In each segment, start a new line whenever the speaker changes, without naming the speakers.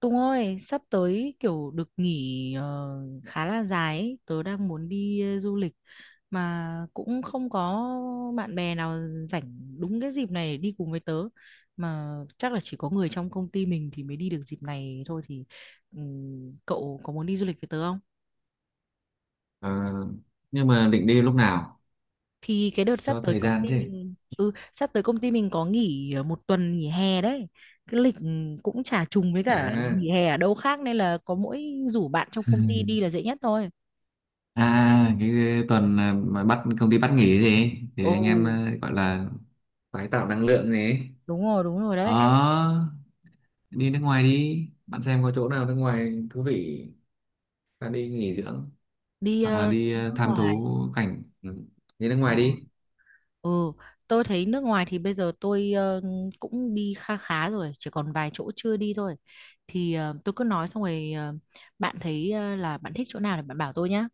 Tùng ơi, sắp tới kiểu được nghỉ khá là dài ấy. Tớ đang muốn đi du lịch mà cũng không có bạn bè nào rảnh đúng cái dịp này để đi cùng với tớ. Mà chắc là chỉ có người trong công ty mình thì mới đi được dịp này thôi, thì cậu có muốn đi du lịch với tớ không?
Ờ, nhưng mà định đi lúc nào
Thì cái đợt sắp
cho
tới
thời
công
gian
ty
chứ.
mình có nghỉ một tuần nghỉ hè đấy. Cái lịch cũng chả trùng với cả
À,
nghỉ hè ở đâu khác nên là có mỗi rủ bạn trong công ty đi là dễ nhất thôi.
à cái tuần mà công ty bắt nghỉ gì thì
Ồ,
anh em gọi là tái tạo năng lượng gì ấy.
đúng rồi đấy.
Ờ, đi nước ngoài đi, bạn xem có chỗ nào nước ngoài thú vị ta đi nghỉ dưỡng,
Đi
hoặc là đi
nước
tham
ngoài.
thú cảnh, ừ. Đi nước
Ờ.
ngoài đi.
Ừ, tôi thấy nước ngoài thì bây giờ tôi cũng đi kha khá rồi, chỉ còn vài chỗ chưa đi thôi. Thì tôi cứ nói xong rồi bạn thấy là bạn thích chỗ nào thì bạn bảo tôi nhá.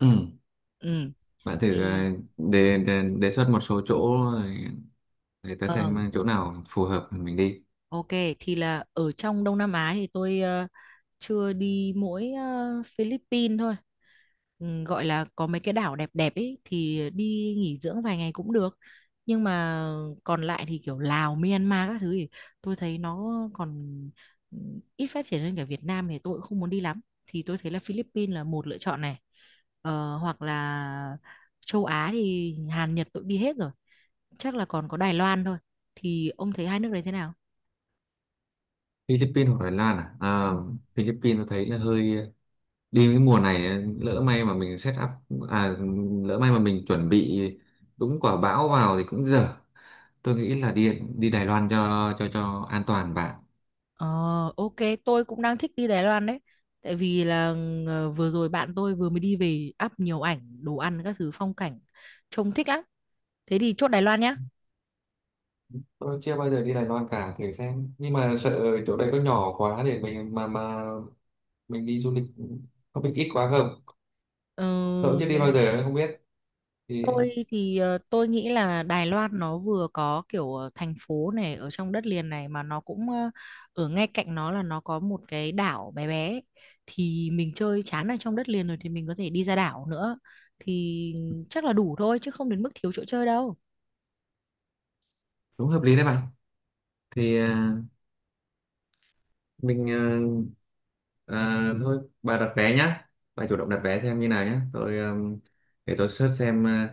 Ừ,
Ừ,
bạn thử
thì
đề, đề đề xuất một số chỗ rồi để ta
ờ,
xem chỗ nào phù hợp mình đi.
ok, thì là ở trong Đông Nam Á thì tôi chưa đi mỗi Philippines thôi. Ừ, gọi là có mấy cái đảo đẹp đẹp ấy thì đi nghỉ dưỡng vài ngày cũng được. Nhưng mà còn lại thì kiểu Lào Myanmar các thứ thì tôi thấy nó còn ừ, ít phát triển hơn cả Việt Nam, thì tôi cũng không muốn đi lắm. Thì tôi thấy là Philippines là một lựa chọn này, hoặc là châu Á thì Hàn Nhật tôi cũng đi hết rồi, chắc là còn có Đài Loan thôi. Thì ông thấy hai nước đấy thế nào?
Philippines hoặc Thái Lan à?
Ừ.
À, Philippines tôi thấy là hơi, đi cái mùa này lỡ may mà mình set up, à lỡ may mà mình chuẩn bị đúng quả bão vào thì cũng dở. Tôi nghĩ là đi đi Đài Loan cho cho an toàn bạn.
Ờ, ok, tôi cũng đang thích đi Đài Loan đấy. Tại vì là vừa rồi bạn tôi vừa mới đi về, up nhiều ảnh, đồ ăn, các thứ phong cảnh. Trông thích lắm. Thế thì chốt Đài Loan nhá.
Tôi chưa bao giờ đi Đài Loan cả, thử xem, nhưng mà sợ chỗ đấy có nhỏ quá để mình mà mình đi du lịch có bị ít quá không,
Ờ,
tôi cũng chưa đi bao giờ không biết thì
tôi thì tôi nghĩ là Đài Loan nó vừa có kiểu thành phố này ở trong đất liền này, mà nó cũng ở ngay cạnh nó là nó có một cái đảo bé bé ấy. Thì mình chơi chán ở trong đất liền rồi thì mình có thể đi ra đảo nữa. Thì chắc là đủ thôi chứ không đến mức thiếu chỗ chơi đâu.
cũng hợp lý đấy bạn. thì à, mình à, À, thôi bà đặt vé nhá, bà chủ động đặt vé xem như nào nhá. Tôi để tôi search xem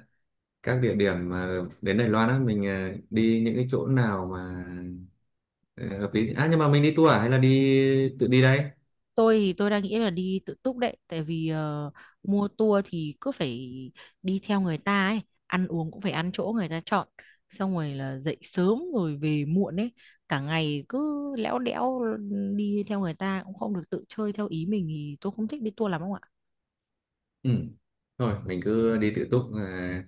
các địa điểm mà đến Đài Loan á mình đi những cái chỗ nào mà hợp lý. À, nhưng mà mình đi tour à hay là đi tự đi đây?
Tôi thì tôi đang nghĩ là đi tự túc đấy, tại vì mua tour thì cứ phải đi theo người ta ấy, ăn uống cũng phải ăn chỗ người ta chọn, xong rồi là dậy sớm rồi về muộn ấy, cả ngày cứ lẽo đẽo đi theo người ta cũng không được tự chơi theo ý mình, thì tôi không thích đi tour lắm không ạ.
Ừ, thôi mình cứ đi tự túc.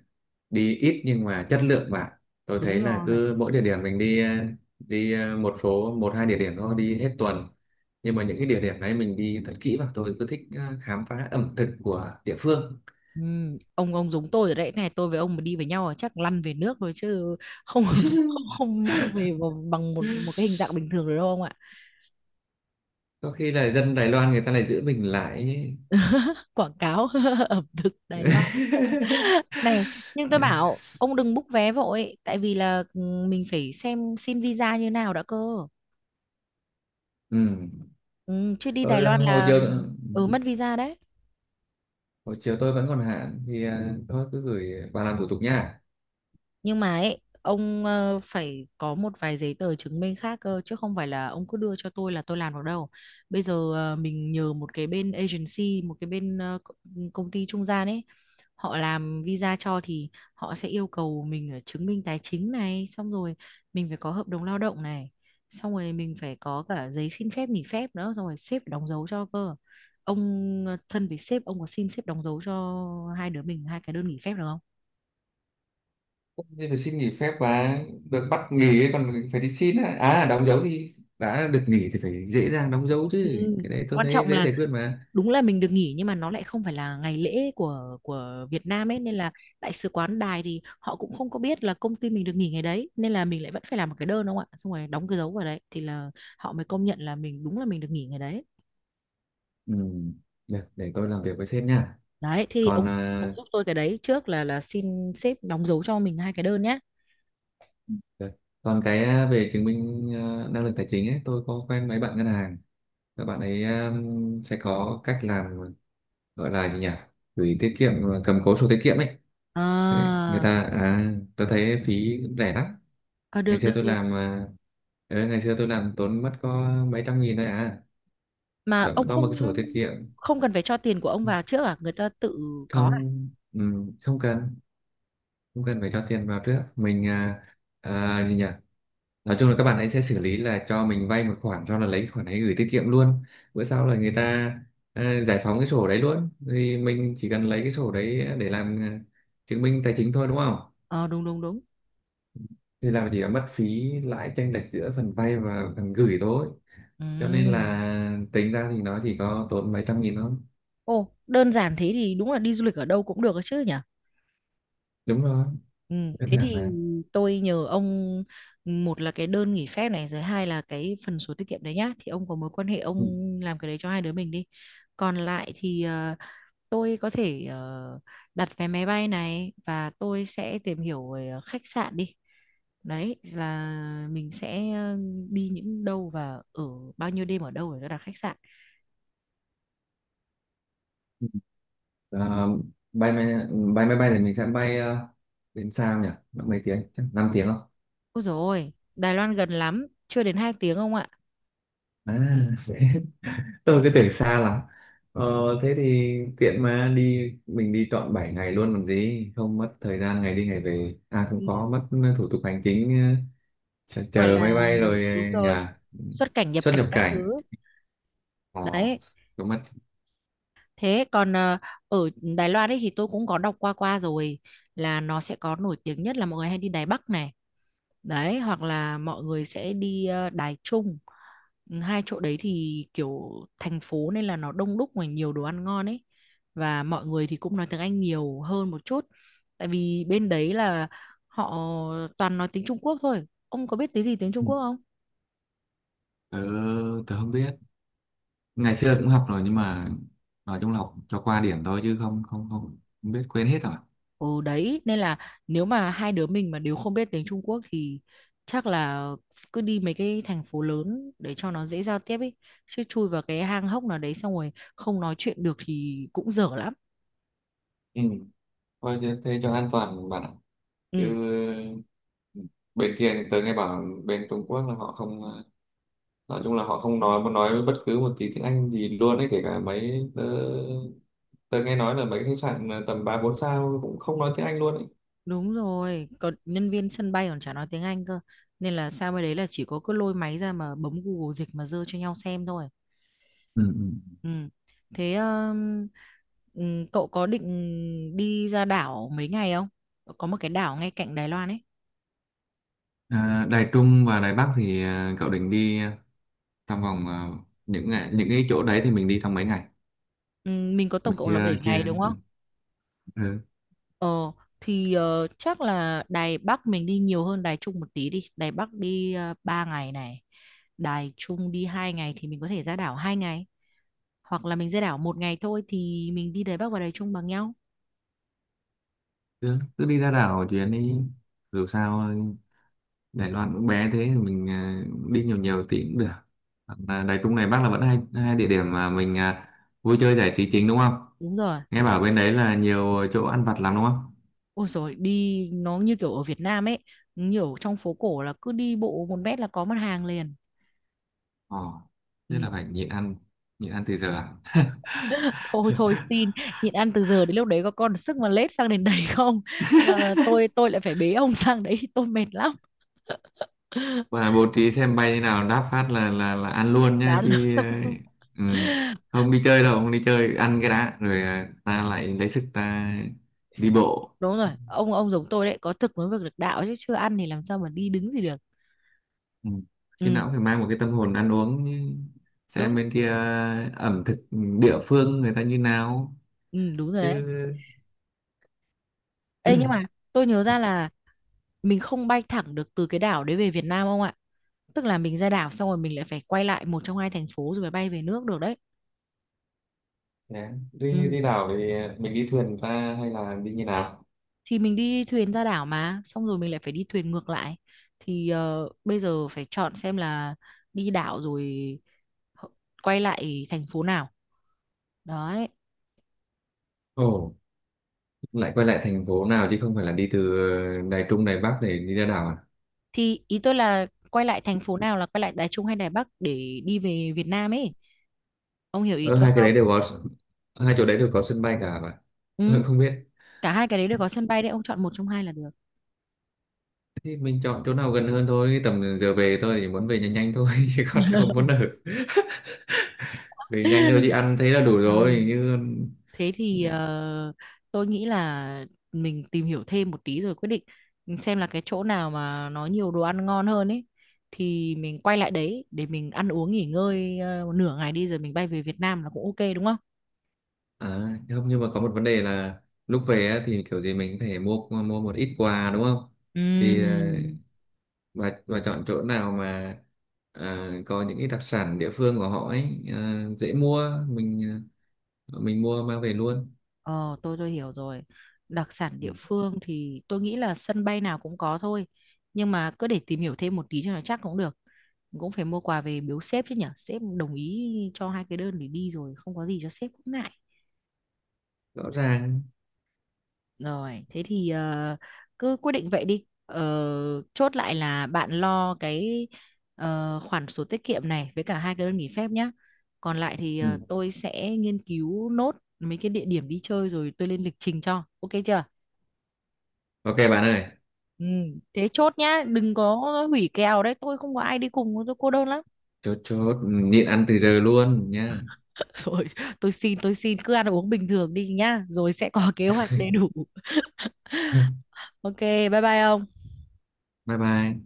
Đi ít nhưng mà chất lượng bạn. Tôi
Đúng
thấy là
rồi,
cứ mỗi địa điểm mình đi, đi một số, một hai địa điểm thôi, đi hết tuần, nhưng mà những cái địa điểm đấy mình đi thật kỹ vào. Tôi cứ thích khám phá ẩm thực của địa phương.
ừ, ông giống tôi rồi đấy này, tôi với ông mà đi với nhau là chắc lăn về nước rồi chứ không không không, không về bằng một một cái hình dạng bình thường rồi đâu ông ạ.
Có khi là dân Đài Loan người ta lại giữ mình lại ấy.
Quảng cáo ẩm thực Đài Loan. Này, nhưng tôi bảo ông đừng book vé vội, tại vì là mình phải xem xin visa như nào đã cơ.
Ừ.
Ừ, chứ đi Đài
Tôi
Loan
hồi
là
chiều,
mất visa đấy.
hồi chiều tôi vẫn còn hạn thì à, thôi cứ gửi bà làm thủ tục nha.
Nhưng mà ấy, ông phải có một vài giấy tờ chứng minh khác cơ, chứ không phải là ông cứ đưa cho tôi là tôi làm được đâu. Bây giờ mình nhờ một cái bên agency, một cái bên công ty trung gian ấy, họ làm visa cho, thì họ sẽ yêu cầu mình ở chứng minh tài chính này, xong rồi mình phải có hợp đồng lao động này, xong rồi mình phải có cả giấy xin phép nghỉ phép nữa, xong rồi sếp phải đóng dấu cho cơ. Ông thân với sếp, ông có xin sếp đóng dấu cho hai đứa mình hai cái đơn nghỉ phép được không?
Thế phải xin nghỉ phép và được bắt nghỉ ấy, còn phải đi xin á. À, đóng dấu thì đã được nghỉ thì phải dễ dàng đóng dấu chứ,
Ừ.
cái đấy tôi
Quan
thấy
trọng
dễ
là
giải quyết mà.
đúng là mình được nghỉ nhưng mà nó lại không phải là ngày lễ của Việt Nam ấy, nên là đại sứ quán Đài thì họ cũng không có biết là công ty mình được nghỉ ngày đấy, nên là mình lại vẫn phải làm một cái đơn đúng không ạ, xong rồi đóng cái dấu vào đấy thì là họ mới công nhận là mình đúng là mình được nghỉ ngày đấy.
Ừ, được, để tôi làm việc với sếp nha.
Đấy thì ông
Còn
ông
à,
giúp tôi cái đấy trước, là xin sếp đóng dấu cho mình hai cái đơn nhé.
được. Còn cái à, về chứng minh à, năng lực tài chính ấy, tôi có quen mấy bạn ngân hàng, các bạn ấy sẽ có cách làm, gọi là gì nhỉ, gửi tiết kiệm à, cầm cố sổ tiết kiệm ấy. Đấy,
À,
người ta à, tôi thấy phí cũng rẻ lắm.
à,
Ngày
được
xưa
được
tôi
được.
làm à, ừ, ngày xưa tôi làm tốn mất có mấy trăm nghìn thôi à,
Mà
vẫn
ông
có
không
một cái sổ tiết kiệm.
không cần phải cho tiền của ông vào trước à, người ta tự có à?
Không, ừ, không cần, không cần phải cho tiền vào trước. Mình à, à, gì nhỉ, nói chung là các bạn ấy sẽ xử lý là cho mình vay một khoản, sau là lấy cái khoản ấy gửi tiết kiệm luôn. Bữa sau là người ta à, giải phóng cái sổ đấy luôn, thì mình chỉ cần lấy cái sổ đấy để làm à, chứng minh tài chính thôi đúng không.
Ờ, đúng đúng đúng,
Thì làm chỉ là mất phí lãi chênh lệch giữa phần vay và phần gửi thôi,
ừ.
cho nên là tính ra thì nó chỉ có tốn mấy trăm nghìn thôi.
Ồ, đơn giản thế thì đúng là đi du lịch ở đâu cũng được ấy chứ nhỉ?
Đúng rồi,
Ừ.
đơn
Thế
giản
thì
là
tôi nhờ ông, một là cái đơn nghỉ phép này, rồi hai là cái phần sổ tiết kiệm đấy nhá. Thì ông có mối quan hệ, ông
ừ.
làm cái đấy cho hai đứa mình đi. Còn lại thì tôi có thể đặt vé máy bay này, và tôi sẽ tìm hiểu về khách sạn đi. Đấy là mình sẽ đi những đâu và ở bao nhiêu đêm ở đâu để đặt khách sạn.
Ờ, bay máy bay máy bay thì mình sẽ bay đến sao nhỉ? Mấy tiếng? Chắc 5 tiếng không?
Ôi dồi ôi, Đài Loan gần lắm, chưa đến 2 tiếng ông ạ.
À, tôi cứ tưởng xa lắm. Ờ, thế thì tiện mà đi, mình đi trọn 7 ngày luôn còn gì, không mất thời gian ngày đi ngày về. À cũng
Ừ,
khó, mất thủ tục hành chính, chờ
gọi
chờ máy
là
bay rồi
đúng rồi,
nhà,
xuất cảnh nhập
xuất
cảnh
nhập
các
cảnh.
thứ
Ờ,
đấy.
cũng mất.
Thế còn ở Đài Loan ấy thì tôi cũng có đọc qua qua rồi, là nó sẽ có nổi tiếng nhất là mọi người hay đi Đài Bắc này đấy, hoặc là mọi người sẽ đi Đài Trung. Ừ, hai chỗ đấy thì kiểu thành phố nên là nó đông đúc và nhiều đồ ăn ngon ấy, và mọi người thì cũng nói tiếng Anh nhiều hơn một chút, tại vì bên đấy là họ toàn nói tiếng Trung Quốc thôi. Ông có biết tiếng gì, tiếng Trung
Ừ.
Quốc không?
Tớ, tớ không biết. Ngày xưa cũng học rồi nhưng mà nói chung là học cho qua điểm thôi chứ không biết, quên hết rồi.
Ừ đấy, nên là nếu mà hai đứa mình mà đều không biết tiếng Trung Quốc thì chắc là cứ đi mấy cái thành phố lớn để cho nó dễ giao tiếp ấy, chứ chui vào cái hang hốc nào đấy xong rồi không nói chuyện được thì cũng dở lắm.
Ừ. Thôi thế, thế cho an toàn bạn ạ. Chứ
Ừ
bên kia thì tớ nghe bảo bên Trung Quốc là họ không, nói chung là họ không nói, muốn nói bất cứ một tí tiếng Anh gì luôn ấy. Kể cả mấy, tớ, tớ nghe nói là mấy khách sạn tầm ba bốn sao cũng không nói tiếng Anh luôn ấy.
đúng rồi, còn nhân viên sân bay còn chả nói tiếng Anh cơ, nên là sao mới đấy là chỉ có cứ lôi máy ra mà bấm Google dịch mà dơ cho nhau xem thôi.
Ừ. Ừ.
Ừ, thế ừ, cậu có định đi ra đảo mấy ngày không? Có một cái đảo ngay cạnh Đài Loan ấy.
À, Đài Trung và Đài Bắc thì à, cậu định đi à, trong vòng à, những ngày, những cái chỗ đấy thì mình đi trong mấy ngày.
Mình có tổng
mình
cộng là
chưa
7
chưa
ngày đúng không?
ừ.
Ờ, thì chắc là Đài Bắc mình đi nhiều hơn Đài Trung một tí đi. Đài Bắc đi 3 ngày này. Đài Trung đi 2 ngày, thì mình có thể ra đảo 2 ngày. Hoặc là mình ra đảo một ngày thôi thì mình đi Đài Bắc và Đài Trung bằng nhau.
Cứ, cứ đi ra đảo chuyến đi, dù sao Đài Loan cũng bé thế, mình à, đi nhiều nhiều tí cũng được. Hoặc là Đài Trung Đài Bắc là vẫn hai hai địa điểm mà mình à, vui chơi giải trí chính đúng không.
Đúng rồi.
Nghe bảo bên đấy là nhiều chỗ ăn vặt lắm đúng không.
Ôi rồi, đi nó như kiểu ở Việt Nam ấy, nhiều, trong phố cổ là cứ đi bộ 1 mét là có mặt hàng liền.
Ồ, thế là phải nhịn ăn, nhịn ăn từ giờ à?
Thôi thôi xin, nhịn ăn từ giờ đến lúc đấy có còn sức mà lết sang đến đấy không? Là tôi lại phải bế ông sang đấy, tôi mệt lắm.
Và bố trí xem bay như nào, đáp phát là là ăn luôn nha,
lắm.
chứ ừ, không đi chơi đâu, không đi chơi, ăn cái đã rồi à, ta lại lấy sức ta đi bộ.
Đúng rồi, ông giống tôi đấy, có thực mới việc được đạo chứ, chưa ăn thì làm sao mà đi đứng gì được.
Ừ. Khi
Ừ
nào cũng phải mang một cái tâm hồn ăn uống, xem
đúng.
bên kia ẩm thực địa phương người ta như nào
Ừ đúng rồi đấy.
chứ.
Ê nhưng mà tôi nhớ ra là mình không bay thẳng được từ cái đảo đấy về Việt Nam ông ạ, tức là mình ra đảo xong rồi mình lại phải quay lại một trong hai thành phố rồi mới bay về nước được đấy.
Dạ, đi
Ừ,
đi đảo thì mình đi thuyền ra hay là đi như nào?
thì mình đi thuyền ra đảo mà, xong rồi mình lại phải đi thuyền ngược lại. Thì bây giờ phải chọn xem là đi đảo rồi h- quay lại thành phố nào đấy.
Ồ, lại quay lại thành phố nào chứ không phải là đi từ Đài Trung Đài Bắc để đi ra đảo à?
Thì ý tôi là quay lại thành phố nào là quay lại Đài Trung hay Đài Bắc để đi về Việt Nam ấy. Ông hiểu ý
Ờ,
tôi
hai cái
không?
đấy đều có, hai chỗ đấy đều có sân bay cả mà,
Ừ.
tôi cũng không biết.
Cả hai cái đấy đều có sân bay đấy, ông chọn một trong hai là được.
Thì mình chọn chỗ nào gần hơn thôi, tầm giờ về tôi chỉ muốn về nhanh nhanh thôi chứ còn không muốn ở. Về nhanh thôi chứ ăn thấy là đủ
Ừ.
rồi như.
Thế thì tôi nghĩ là mình tìm hiểu thêm một tí rồi quyết định xem là cái chỗ nào mà nó nhiều đồ ăn ngon hơn ấy, thì mình quay lại đấy để mình ăn uống nghỉ ngơi một nửa ngày đi, rồi mình bay về Việt Nam là cũng ok đúng không?
À, không, nhưng mà có một vấn đề là lúc về á, thì kiểu gì mình cũng phải mua mua một ít quà đúng không? Thì
Ừm.
bà chọn chỗ nào mà có những cái đặc sản địa phương của họ ấy, dễ mua, mình mình mua mang về luôn.
Ờ, tôi hiểu rồi. Đặc sản
Ừ,
địa phương thì tôi nghĩ là sân bay nào cũng có thôi. Nhưng mà cứ để tìm hiểu thêm một tí cho nó chắc cũng được. Cũng phải mua quà về biếu sếp chứ nhở. Sếp đồng ý cho hai cái đơn để đi rồi không có gì cho sếp cũng ngại.
rõ ràng.
Rồi, thế thì cứ quyết định vậy đi. Ờ, chốt lại là bạn lo cái khoản sổ tiết kiệm này với cả hai cái đơn nghỉ phép nhá. Còn lại thì
Ừ.
tôi sẽ nghiên cứu nốt mấy cái địa điểm đi chơi rồi tôi lên lịch trình cho. Ok chưa?
Ok bạn ơi,
Ừ, thế chốt nhá, đừng có hủy kèo đấy, tôi không có ai đi cùng, tôi cô đơn lắm.
chốt, chốt nhịn ăn từ giờ luôn nha.
Rồi, tôi xin, cứ ăn uống bình thường đi nhá, rồi sẽ có kế hoạch đầy đủ. Ok, bye bye ông.
Bye bye.